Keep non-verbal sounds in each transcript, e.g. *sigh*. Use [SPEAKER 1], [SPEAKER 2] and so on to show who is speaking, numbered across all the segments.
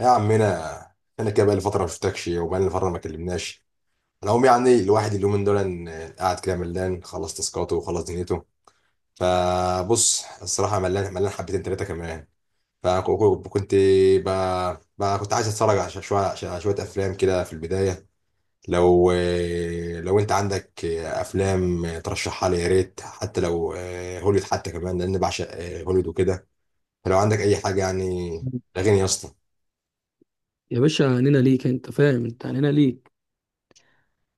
[SPEAKER 1] يا عمنا، انا كده بقالي فتره ما شفتكش وبقالي فتره ما كلمناش. العموم، يعني الواحد اليومين دول قاعد كده ملان، خلص تاسكاته وخلص دنيته. فبص، الصراحه ملان ملان حبتين ثلاثه كمان. فكنت بقى كنت عايز اتفرج على شويه افلام كده في البدايه. لو لو انت عندك افلام ترشحها لي يا ريت، حتى لو هوليود حتى كمان، لان بعشق هوليود وكده. فلو عندك اي حاجه يعني لغيني يا اسطى.
[SPEAKER 2] يا باشا، عنينا ليك. انت فاهم، انت عنينا ليك.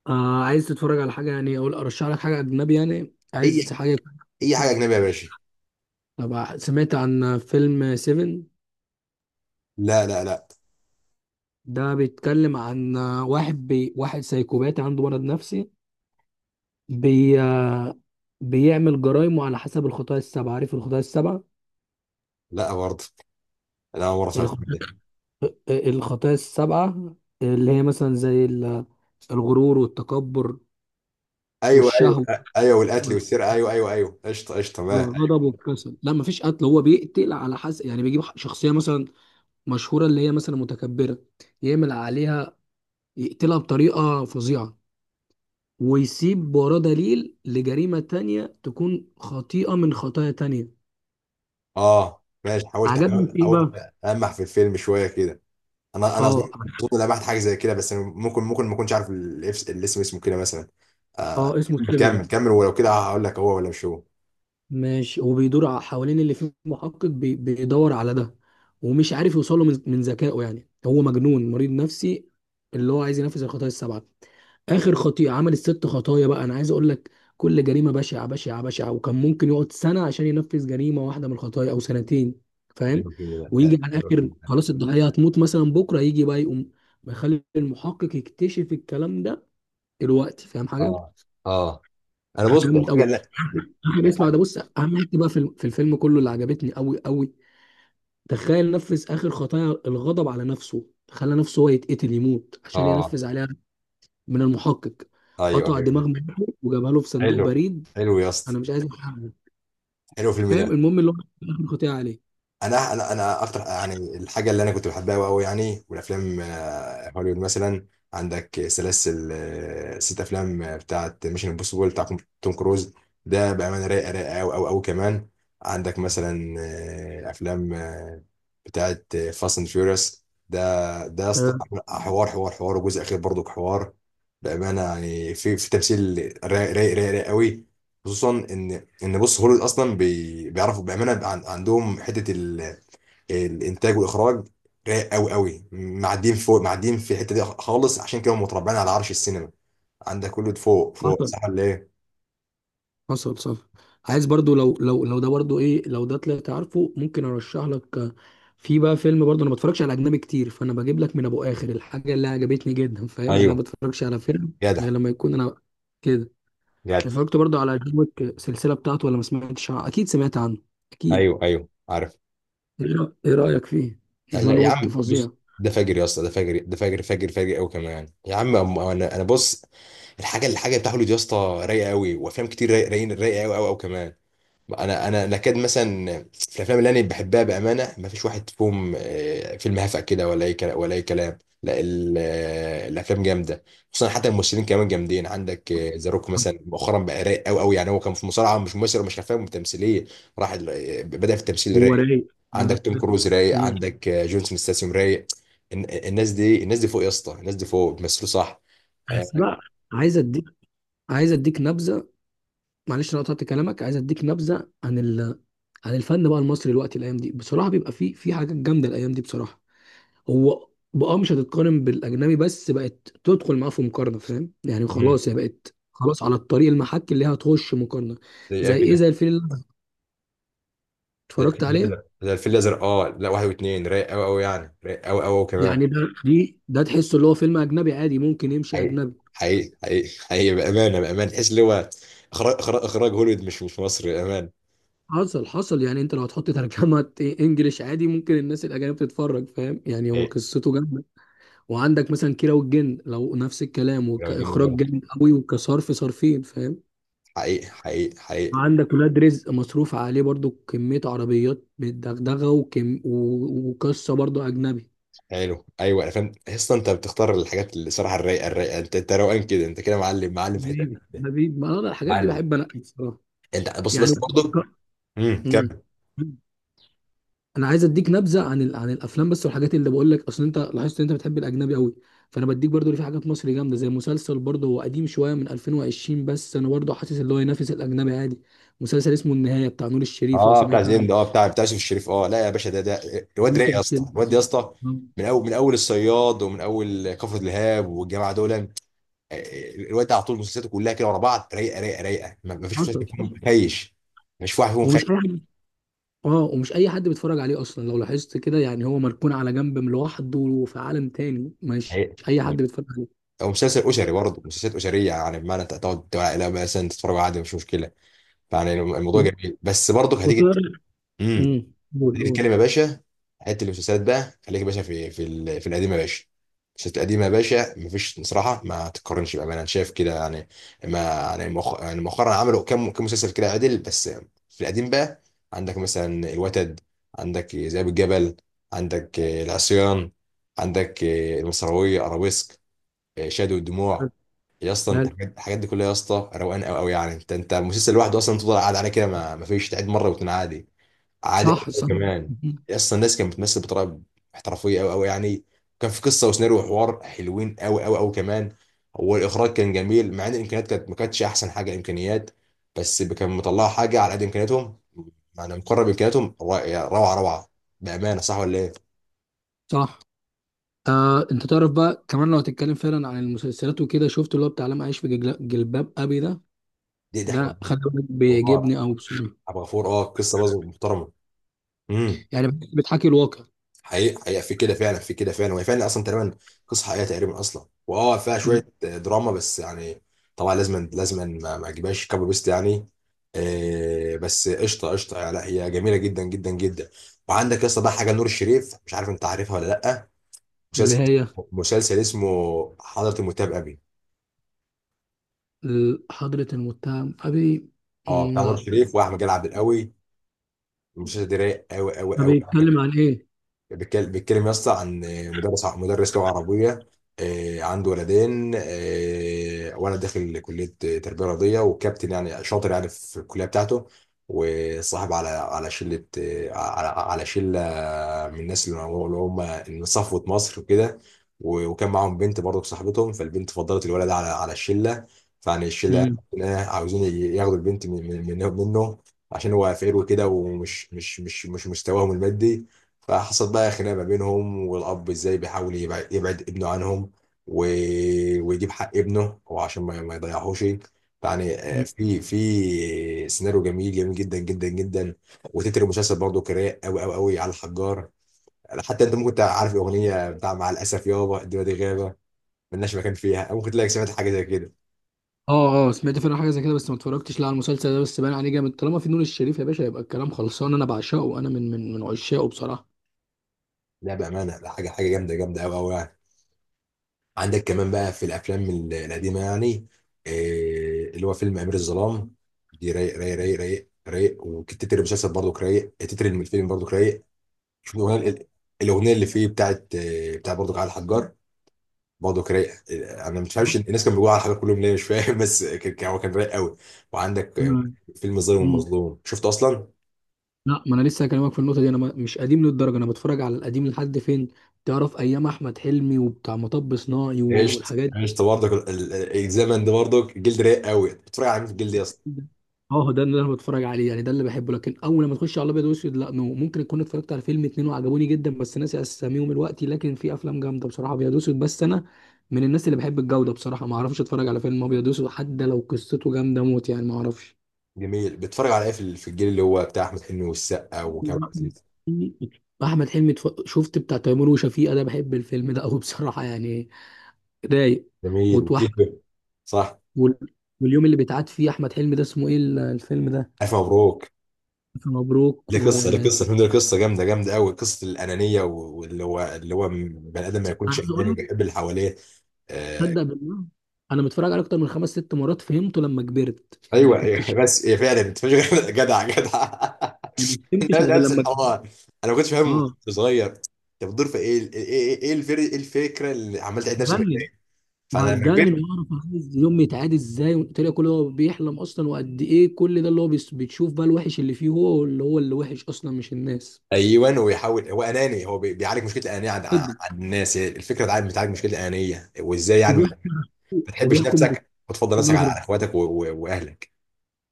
[SPEAKER 2] عايز تتفرج على حاجه يعني، او ارشح لك حاجه اجنبي؟ يعني
[SPEAKER 1] اي
[SPEAKER 2] عايز حاجه.
[SPEAKER 1] اي حاجه اجنبيه يا باشا.
[SPEAKER 2] طب سمعت عن فيلم 7؟
[SPEAKER 1] لا لا لا.
[SPEAKER 2] ده بيتكلم عن واحد سايكوباتي عنده مرض نفسي. بي... آه، بيعمل جرايمه على حسب الخطايا السبعه. عارف الخطايا السبعه؟
[SPEAKER 1] لا برضه. انا اول مره سمعت
[SPEAKER 2] الخ...
[SPEAKER 1] كده.
[SPEAKER 2] الخطايا السبعه اللي هي مثلا زي الغرور والتكبر
[SPEAKER 1] ايوه ايوه
[SPEAKER 2] والشهوه
[SPEAKER 1] ايوه، والقتل
[SPEAKER 2] وال-
[SPEAKER 1] والسرقه، ايوه ايوه ايوه، قشطه قشطه، ما أيوة.
[SPEAKER 2] والغضب والكسل. لا مفيش قتل، هو بيقتل على حسب يعني، بيجيب شخصيه مثلا مشهوره اللي هي مثلا متكبره، يعمل عليها، يقتلها بطريقه فظيعه، ويسيب وراه دليل لجريمه تانية تكون خطيئه من خطايا تانية.
[SPEAKER 1] اه ماشي، حاولت
[SPEAKER 2] عجبني
[SPEAKER 1] حاولت
[SPEAKER 2] في ايه
[SPEAKER 1] حاولت.
[SPEAKER 2] بقى؟
[SPEAKER 1] المح في الفيلم شويه كده. انا
[SPEAKER 2] اه
[SPEAKER 1] اظن لمحت حاجه زي كده، بس أنا ممكن ما اكونش عارف الاسم، اسمه كده مثلا. آه
[SPEAKER 2] اه، اسمه
[SPEAKER 1] كمل
[SPEAKER 2] سيفن.
[SPEAKER 1] كمل كمل، ولو كده هقول لك هو ولا مش هو.
[SPEAKER 2] ماشي، وبيدور حوالين اللي فيه محقق بيدور على ده، ومش عارف يوصله من ذكائه. يعني هو مجنون مريض نفسي، اللي هو عايز ينفذ الخطايا السبعة. آخر خطيئة عمل الست خطايا بقى، أنا عايز أقول لك كل جريمة بشعة بشعة بشعة، وكان ممكن يقعد سنة عشان ينفذ جريمة واحدة من الخطايا أو سنتين، فاهم؟
[SPEAKER 1] ايوه الفيلم ده،
[SPEAKER 2] ويجي على
[SPEAKER 1] ايوه الفيلم
[SPEAKER 2] الآخر
[SPEAKER 1] ده.
[SPEAKER 2] خلاص الضحية هتموت مثلا بكرة، يجي بقى يقوم يخلي المحقق يكتشف الكلام ده. دلوقتي فاهم حاجة؟
[SPEAKER 1] اه اه. انا بص،
[SPEAKER 2] جامد
[SPEAKER 1] الحاجه
[SPEAKER 2] قوي.
[SPEAKER 1] اللي
[SPEAKER 2] اهم حاجه اسمع ده،
[SPEAKER 1] الحاجه.
[SPEAKER 2] بص، اهم حاجه بقى في الفيلم كله اللي عجبتني قوي قوي، تخيل نفذ اخر خطايا الغضب على نفسه، خلى نفسه هو يتقتل يموت عشان
[SPEAKER 1] اه
[SPEAKER 2] ينفذ عليها من المحقق.
[SPEAKER 1] ايوه
[SPEAKER 2] قطع
[SPEAKER 1] ايوه.
[SPEAKER 2] دماغ مراته وجابها له في صندوق
[SPEAKER 1] حلو،
[SPEAKER 2] بريد.
[SPEAKER 1] حلو يا اسطى.
[SPEAKER 2] انا مش عايز أحرقها.
[SPEAKER 1] حلو الفيلم
[SPEAKER 2] فاهم
[SPEAKER 1] ده.
[SPEAKER 2] المهم اللي هو اخر خطيئه عليه.
[SPEAKER 1] انا اكتر يعني، الحاجه اللي انا كنت بحبها قوي قوي يعني، والافلام هوليوود مثلا. عندك سلاسل، ست افلام بتاعت ميشن امبوسيبل بتاع توم كروز، ده بامانه رايقه رايقه قوي قوي قوي كمان. عندك مثلا افلام بتاعت فاست اند فيوريوس، ده يا اسطى حوار حوار حوار، وجزء اخير برضو حوار. بامانه يعني في تمثيل رايق رايق رايق رايق قوي. خصوصا ان بص، هوليوود اصلا بيعرفوا بامانه، عندهم حته الانتاج والاخراج رايق قوي قوي، معديين فوق، معديين في الحته دي خالص، عشان كده هم متربعين على عرش السينما. عندك كله فوق فوق،
[SPEAKER 2] آه.
[SPEAKER 1] صح ولا ايه؟
[SPEAKER 2] حصل صح. عايز برضو، لو ده برضو ايه، لو ده طلعت عارفه ممكن ارشح لك. في بقى فيلم برضو، انا ما بتفرجش على اجنبي كتير، فانا بجيب لك من ابو اخر الحاجه اللي عجبتني جدا، فاهم يعني؟ انا ما
[SPEAKER 1] ايوه
[SPEAKER 2] بتفرجش على فيلم
[SPEAKER 1] جدع
[SPEAKER 2] غير لما يكون انا كده.
[SPEAKER 1] جدع.
[SPEAKER 2] اتفرجت برضو على جون ويك، السلسله بتاعته، ولا ما سمعتش عنه؟ اكيد سمعت عنه اكيد.
[SPEAKER 1] ايوه ايوه عارف.
[SPEAKER 2] إيه رايك فيه؟
[SPEAKER 1] لا لا
[SPEAKER 2] جون
[SPEAKER 1] يا
[SPEAKER 2] ويك
[SPEAKER 1] عم، بص.
[SPEAKER 2] فظيع.
[SPEAKER 1] ده فاجر يا اسطى، ده فاجر، ده فاجر فاجر فاجر قوي كمان يعني. يا عم انا بص، الحاجه بتاع هوليوود يا اسطى رايقه قوي، وافلام كتير رايقين، رايقه قوي قوي قوي كمان. انا نكاد مثلا، في الافلام اللي انا بحبها بامانه ما فيش واحد فيهم فيلم هفأ كده، ولا اي كلام ولا اي كلام. لا، الافلام جامده، خصوصا حتى الممثلين كمان جامدين. عندك ذا روك مثلا، مؤخرا بقى رايق قوي قوي، يعني هو كان في مصارعه، مش ممثل ومش افلام تمثيليه، راح بدأ في التمثيل
[SPEAKER 2] هو
[SPEAKER 1] رايق.
[SPEAKER 2] رايق. لا، لا،
[SPEAKER 1] عندك توم
[SPEAKER 2] لا.
[SPEAKER 1] كروز رايق،
[SPEAKER 2] مم.
[SPEAKER 1] عندك جونسون ستاسيوم رايق. الناس دي فوق يا اسطى، الناس دي فوق بيمثلوا صح. آه،
[SPEAKER 2] بس بقى، عايز اديك عايز اديك نبذه. معلش انا قطعت كلامك، عايز اديك نبذه عن الفن بقى المصري دلوقتي، الايام دي بصراحه بيبقى في حاجات جامده، الايام دي بصراحه. هو بقى مش هتتقارن بالاجنبي، بس بقت تدخل معاه في مقارنه، فاهم يعني؟
[SPEAKER 1] مم.
[SPEAKER 2] خلاص هي بقت، خلاص على الطريق المحك اللي هي هتخش مقارنه.
[SPEAKER 1] زي
[SPEAKER 2] زي ايه؟ زي
[SPEAKER 1] كده.
[SPEAKER 2] الفيلم اللي أنا
[SPEAKER 1] زي الفيل
[SPEAKER 2] اتفرجت عليه.
[SPEAKER 1] الازرق، زي الفيل الازرق، اه لا، واحد واثنين رايق قوي قوي يعني، رايق قوي قوي كمان.
[SPEAKER 2] يعني ده تحسه اللي هو فيلم اجنبي عادي، ممكن يمشي
[SPEAKER 1] حقيقي
[SPEAKER 2] اجنبي.
[SPEAKER 1] حقيقي حقيقي حقيقي، بامانه بامانه، تحس اللي هو اخراج اخراج إخراج هوليوود، مش مصري بامانه.
[SPEAKER 2] حصل حصل. يعني انت لو هتحط ترجمه *laughs* انجليش، عادي ممكن الناس الاجانب تتفرج، فاهم يعني؟ هو
[SPEAKER 1] حقيقي.
[SPEAKER 2] قصته جامده. وعندك مثلا كيرة والجن، لو نفس الكلام
[SPEAKER 1] لو جبنا
[SPEAKER 2] وكإخراج
[SPEAKER 1] بره
[SPEAKER 2] جامد قوي وكصرف صرفين، فاهم؟
[SPEAKER 1] حقيقي حقيقي حقيقي.
[SPEAKER 2] وعندك ولاد رزق، مصروف عليه برضو كمية عربيات بالدغدغة، وكم وقصة برضو أجنبي.
[SPEAKER 1] حلو، ايوه انا فاهم، تحس انت بتختار الحاجات اللي الصراحه الرايقه الرايقه، انت روقان كده، انت كده معلم معلم في حته.
[SPEAKER 2] حبيبي حبيبي، ما أنا الحاجات دي
[SPEAKER 1] معلم.
[SPEAKER 2] بحب أنقي بصراحة.
[SPEAKER 1] انت بص،
[SPEAKER 2] يعني
[SPEAKER 1] بس برضه. امم.
[SPEAKER 2] *laughs* مم. انا عايز اديك نبذه عن الافلام بس، والحاجات اللي بقول لك، اصل انت لاحظت ان انت بتحب الاجنبي قوي. فانا بديك برضو اللي في حاجات مصري جامده، زي مسلسل برضو هو قديم شويه من 2020، بس انا برضو حاسس اللي هو ينافس الاجنبي عادي. مسلسل اسمه النهايه بتاع نور الشريف، لو
[SPEAKER 1] اه بتاع
[SPEAKER 2] سمعت عنه.
[SPEAKER 1] زيند، اه بتاع يوسف الشريف، اه لا يا باشا، ده
[SPEAKER 2] *laughs*
[SPEAKER 1] الواد رايق يا
[SPEAKER 2] ممكن
[SPEAKER 1] اسطى، الواد يا
[SPEAKER 2] تكون-
[SPEAKER 1] اسطى، من اول الصياد، ومن اول كفر الهاب والجماعه دول. الواد ده على طول مسلسلاته كلها كده ورا بعض رايقه رايقه رايقه، ما فيش مسلسل
[SPEAKER 2] حصل
[SPEAKER 1] فيهم
[SPEAKER 2] حصل.
[SPEAKER 1] خيش. ما فيش واحد فيهم خيش.
[SPEAKER 2] ومش اي حد اه ومش اي حد بيتفرج عليه اصلا، لو لاحظت كده يعني هو مركون على جنب من لوحده وفي عالم تاني، مش
[SPEAKER 1] رايق.
[SPEAKER 2] مش اي حد بيتفرج عليه.
[SPEAKER 1] او مسلسل اسري برضه، مسلسلات اسريه يعني، بمعنى انت تقعد لا مثلا تتفرج عادي، مش مشكله. فيعني الموضوع
[SPEAKER 2] و-
[SPEAKER 1] جميل، بس برضه هتيجي.
[SPEAKER 2] وتقرا.
[SPEAKER 1] امم.
[SPEAKER 2] امم قول
[SPEAKER 1] هنيجي
[SPEAKER 2] قول.
[SPEAKER 1] نتكلم يا باشا. حته المسلسلات بقى، خليك يا باشا في في القديم يا باشا، المسلسلات القديمه يا باشا مفيش بصراحه، ما تتقارنش بامانه، انا شايف كده يعني. ما يعني مؤخ- يعني مؤخرا عملوا كام كام مسلسل كده عدل، بس في القديم بقى عندك مثلا الوتد، عندك ذئاب الجبل، عندك العصيان، عندك المصراويه، ارابيسك، شادو الدموع. يا اسطى، انت
[SPEAKER 2] ماله.
[SPEAKER 1] الحاجات دي كلها يا اسطى روقان قوي قوي يعني، انت مسلسل لوحده اصلا تفضل قاعد عليه كده، ما فيش، تعيد مره واتنين عادي، عادي
[SPEAKER 2] صح
[SPEAKER 1] أوي
[SPEAKER 2] صح.
[SPEAKER 1] كمان.
[SPEAKER 2] مهم.
[SPEAKER 1] اصلا الناس كانت بتمثل بطريقه احترافيه قوي قوي يعني، كان في قصه وسيناريو وحوار حلوين قوي قوي قوي كمان، والاخراج كان جميل. مع ان الامكانيات كانت ما كانتش احسن حاجه امكانيات، بس كان مطلعه حاجه على قد امكانياتهم، يعني مقرب امكانياتهم روعه روعه بامانه. صح ولا ايه؟
[SPEAKER 2] صح. انت تعرف بقى كمان، لو هتتكلم فعلا عن المسلسلات وكده، شفت اللي هو بتاع لم اعيش في جلباب ابي ده؟
[SPEAKER 1] دي حوار،
[SPEAKER 2] ده خلي بالك
[SPEAKER 1] حوار.
[SPEAKER 2] بيعجبني، او
[SPEAKER 1] عبد الغفور، اه قصه برضه محترمه. امم.
[SPEAKER 2] يعني بتحكي الواقع.
[SPEAKER 1] حقيقة حقيقة، في كده فعلا، في كده فعلا، وهي فعلا اصلا تقريبا قصة حقيقية تقريبا اصلا، واه فيها شوية دراما بس يعني، طبعا لازم لازم ما اجيبهاش كابو بيست يعني. آه بس قشطة قشطة يعني، لا هي جميلة جدا جدا جدا. وعندك يا اسطى بقى حاجة نور الشريف، مش عارف انت عارفها ولا لا،
[SPEAKER 2] اللي
[SPEAKER 1] مسلسل
[SPEAKER 2] هي
[SPEAKER 1] مسلسل اسمه حضرة المتهم ابي،
[SPEAKER 2] حضرة المتهم ابي.
[SPEAKER 1] اه
[SPEAKER 2] مم،
[SPEAKER 1] بتاع نور
[SPEAKER 2] لا.
[SPEAKER 1] الشريف واحمد جلال عبد القوي، المسلسل ده رايق قوي قوي
[SPEAKER 2] ده
[SPEAKER 1] قوي.
[SPEAKER 2] بيتكلم عن ايه؟
[SPEAKER 1] بيتكلم يا اسطى عن مدرس، مدرس لغه عربيه، عنده ولدين، ولد داخل كليه تربيه رياضيه، وكابتن يعني شاطر يعني في الكليه بتاعته، وصاحب على شله، على شله، من الناس اللي هم من صفوه مصر وكده، و- وكان معاهم بنت برضه صاحبتهم، فالبنت فضلت الولد على الشله. فيعني الشله
[SPEAKER 2] مم.
[SPEAKER 1] عاوزين ياخدوا البنت منه، عشان هو فقير وكده ومش مش مستواهم المادي. فحصل بقى خناقه ما بينهم، والاب ازاي بيحاول يبعد ابنه عنهم، و، ويجيب حق ابنه وعشان ما يضيعهوش يعني. في سيناريو جميل جميل جدا جدا جدا، وتتر المسلسل برضه كراء قوي قوي قوي، على الحجار. حتى انت ممكن تبقى عارف الاغنيه بتاع مع الاسف يابا الدنيا دي غابه ملناش مكان فيها، أو ممكن تلاقي سمعت حاجه زي كده.
[SPEAKER 2] اه اه، سمعت فعلا حاجه زي كده، بس ما اتفرجتش لا على المسلسل ده، بس باين عليه جامد. طالما في نور الشريف يا باشا يبقى الكلام خلصان، انا بعشقه، انا من عشاقه بصراحه.
[SPEAKER 1] لا بامانه، ده حاجه حاجه جامده جامده قوي قوي. عندك كمان بقى في الافلام القديمه يعني، اللي هو فيلم امير الظلام، دي رايق رايق رايق رايق رايق، وتتر المسلسل برضو رايق، تتر الفيلم برضو رايق. شوف الاغنيه الاغنيه اللي فيه، بتاعت بتاع برضو على الحجار، برضو رايق. انا مش فاهمش الناس كانوا بيقولوا على الحجار كلهم ليه، مش فاهم. *laughs* بس هو كان رايق قوي. وعندك
[SPEAKER 2] أنا-
[SPEAKER 1] فيلم الظالم
[SPEAKER 2] مم.
[SPEAKER 1] والمظلوم، شفته اصلا؟
[SPEAKER 2] لا، ما انا لسه هكلمك في النقطه دي. انا مش قديم للدرجه، انا بتفرج على القديم لحد فين؟ تعرف ايام احمد حلمي وبتاع مطب صناعي
[SPEAKER 1] عشت
[SPEAKER 2] والحاجات
[SPEAKER 1] عشت برضك الزمن ده برضك، جلد رايق قوي. بتتفرج على مين في الجلد يا اسطى؟
[SPEAKER 2] دي. اه ده اللي انا بتفرج عليه يعني، ده اللي بحبه. لكن اول لما تخش على الابيض واسود، لا نو، ممكن اكون اتفرجت على فيلم اتنين وعجبوني جدا، بس ناسي اساميهم دلوقتي. لكن في افلام جامده بصراحه ابيض واسود، بس انا من الناس اللي بحب الجوده بصراحه، ما اعرفش اتفرج على فيلم ابيض واسود حتى لو قصته جامده موت، يعني ما اعرفش.
[SPEAKER 1] جميل. بتتفرج على ايه في الجيل اللي هو بتاع احمد حلمي والسقا وكريم عبد العزيز؟
[SPEAKER 2] *laughs* احمد حلمي، شفت بتاع تيمور وشفيقة ده؟ بحب الفيلم ده قوي بصراحه، يعني رايق.
[SPEAKER 1] جميل،
[SPEAKER 2] وتوح
[SPEAKER 1] وتيتو، صح.
[SPEAKER 2] وال- واليوم اللي بيتعاد فيه احمد حلمي ده، اسمه ايه الفيلم ده؟
[SPEAKER 1] الف مبروك.
[SPEAKER 2] ألف مبروك.
[SPEAKER 1] ليه
[SPEAKER 2] و
[SPEAKER 1] قصه، ليه
[SPEAKER 2] أنا
[SPEAKER 1] قصه الفيلم ده، ليه قصه جامده جامده قوي، قصه الانانيه، و- واللي هو اللي هو بني ادم ما يكونش
[SPEAKER 2] عايز اقول
[SPEAKER 1] اناني،
[SPEAKER 2] لك،
[SPEAKER 1] بيحب اللي حواليه. آه.
[SPEAKER 2] تصدق بالله انا متفرج عليه اكتر من خمس ست مرات، فهمته لما كبرت. يعني ما
[SPEAKER 1] ايوه، أيوة،
[SPEAKER 2] كنتش،
[SPEAKER 1] *laughs* بس هي فعلا انت مش *laughs* جدع جدع.
[SPEAKER 2] ما فهمتش
[SPEAKER 1] *laughs* ده
[SPEAKER 2] غير
[SPEAKER 1] نفس
[SPEAKER 2] لما كبرت.
[SPEAKER 1] الحوار. انا ما كنتش فاهم وأنا
[SPEAKER 2] اه.
[SPEAKER 1] صغير، انت بتدور في إيه الفكره اللي عمال تعيد نفس المكان.
[SPEAKER 2] جنن.
[SPEAKER 1] فانا لما كبرت.
[SPEAKER 2] وهتجنن واعرف عايز يوم يتعاد ازاي طلع، كل هو بيحلم اصلا، وقد ايه كل ده اللي هو بتشوف بقى الوحش اللي فيه، هو اللي وحش اصلا مش الناس.
[SPEAKER 1] ايوه، ويحاول، هو اناني، هو بيعالج مشكله الانانيه عند عن
[SPEAKER 2] جدا.
[SPEAKER 1] عن الناس، هي الفكره بتعالج مشكله الانانيه، وازاي يعني ما
[SPEAKER 2] وبيحكم،
[SPEAKER 1] ما تحبش
[SPEAKER 2] وبيحكم
[SPEAKER 1] نفسك وتفضل نفسك على
[SPEAKER 2] بالنظره،
[SPEAKER 1] على اخواتك و- و- واهلك.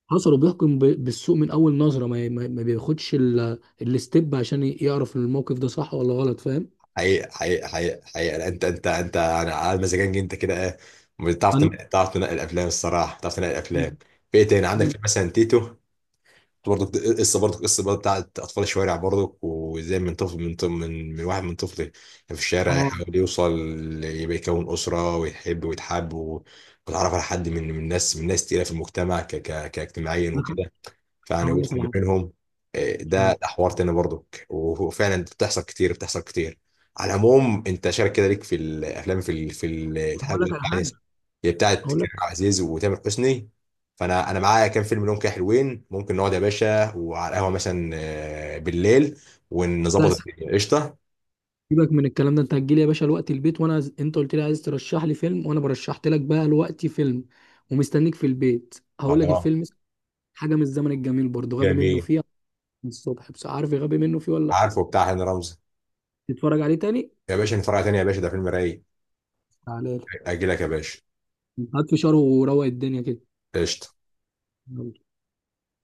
[SPEAKER 2] حصل، بيحكم بالسوق من اول نظره، ما بياخدش الستيب عشان يعرف الموقف ده صح ولا غلط، فاهم؟
[SPEAKER 1] حقيقي حقيقي حقيقي حقيقي، لا، انت يعني على مزاجنج انت كده.
[SPEAKER 2] انا
[SPEAKER 1] تعرف تنقل الافلام الصراحه، بتعرف تنقل الافلام. في ايه تاني عندك؟ في مثلا تيتو برضك، قصه برضك، قصه بقى بتاعت اطفال الشوارع برضك، وازاي من طفل من واحد، من طفل كان في الشارع
[SPEAKER 2] اه
[SPEAKER 1] يحاول يوصل يبقى يكون اسره، ويحب ويتحب، و- ويتعرف على حد من ناس تقيله في المجتمع ك ك كاجتماعيا
[SPEAKER 2] أنا
[SPEAKER 1] وكده، فيعني
[SPEAKER 2] هقول
[SPEAKER 1] وقفت
[SPEAKER 2] لك على
[SPEAKER 1] ما
[SPEAKER 2] حاجه.
[SPEAKER 1] بينهم. ده
[SPEAKER 2] حلو.
[SPEAKER 1] ده حوار تاني برضك، وفعلا بتحصل كتير، بتحصل كتير. على العموم، انت شارك كده ليك في الافلام، في الحاجه
[SPEAKER 2] هقول لك على
[SPEAKER 1] بتاعت،
[SPEAKER 2] حاجه.
[SPEAKER 1] هي بتاعت
[SPEAKER 2] هقول لك،
[SPEAKER 1] كريم عبد العزيز وتامر حسني، فانا معايا كام فيلم لهم كده حلوين، ممكن نقعد يا باشا وعلى القهوه مثلا بالليل،
[SPEAKER 2] لا،
[SPEAKER 1] ونظبط الدنيا قشطه.
[SPEAKER 2] سيبك من الكلام ده. انت هتجي لي يا باشا الوقت البيت وانا انت قلت لي عايز ترشح لي فيلم، وانا برشحت لك بقى الوقت فيلم، ومستنيك في البيت. هقول لك
[SPEAKER 1] خلاص.
[SPEAKER 2] الفيلم اسمه حاجه من الزمن الجميل، برضه غبي منه
[SPEAKER 1] جميل.
[SPEAKER 2] فيه من الصبح. بس عارف غبي منه فيه ولا لا؟
[SPEAKER 1] عارفه بتاع هاني رمزي؟
[SPEAKER 2] تتفرج عليه تاني.
[SPEAKER 1] يا باشا نتفرج عليه تاني يا باشا، ده فيلم رايق.
[SPEAKER 2] تعالى لي.
[SPEAKER 1] اجي لك يا باشا.
[SPEAKER 2] هات فشار وروق الدنيا كده.
[SPEAKER 1] قشطه.
[SPEAKER 2] يلا.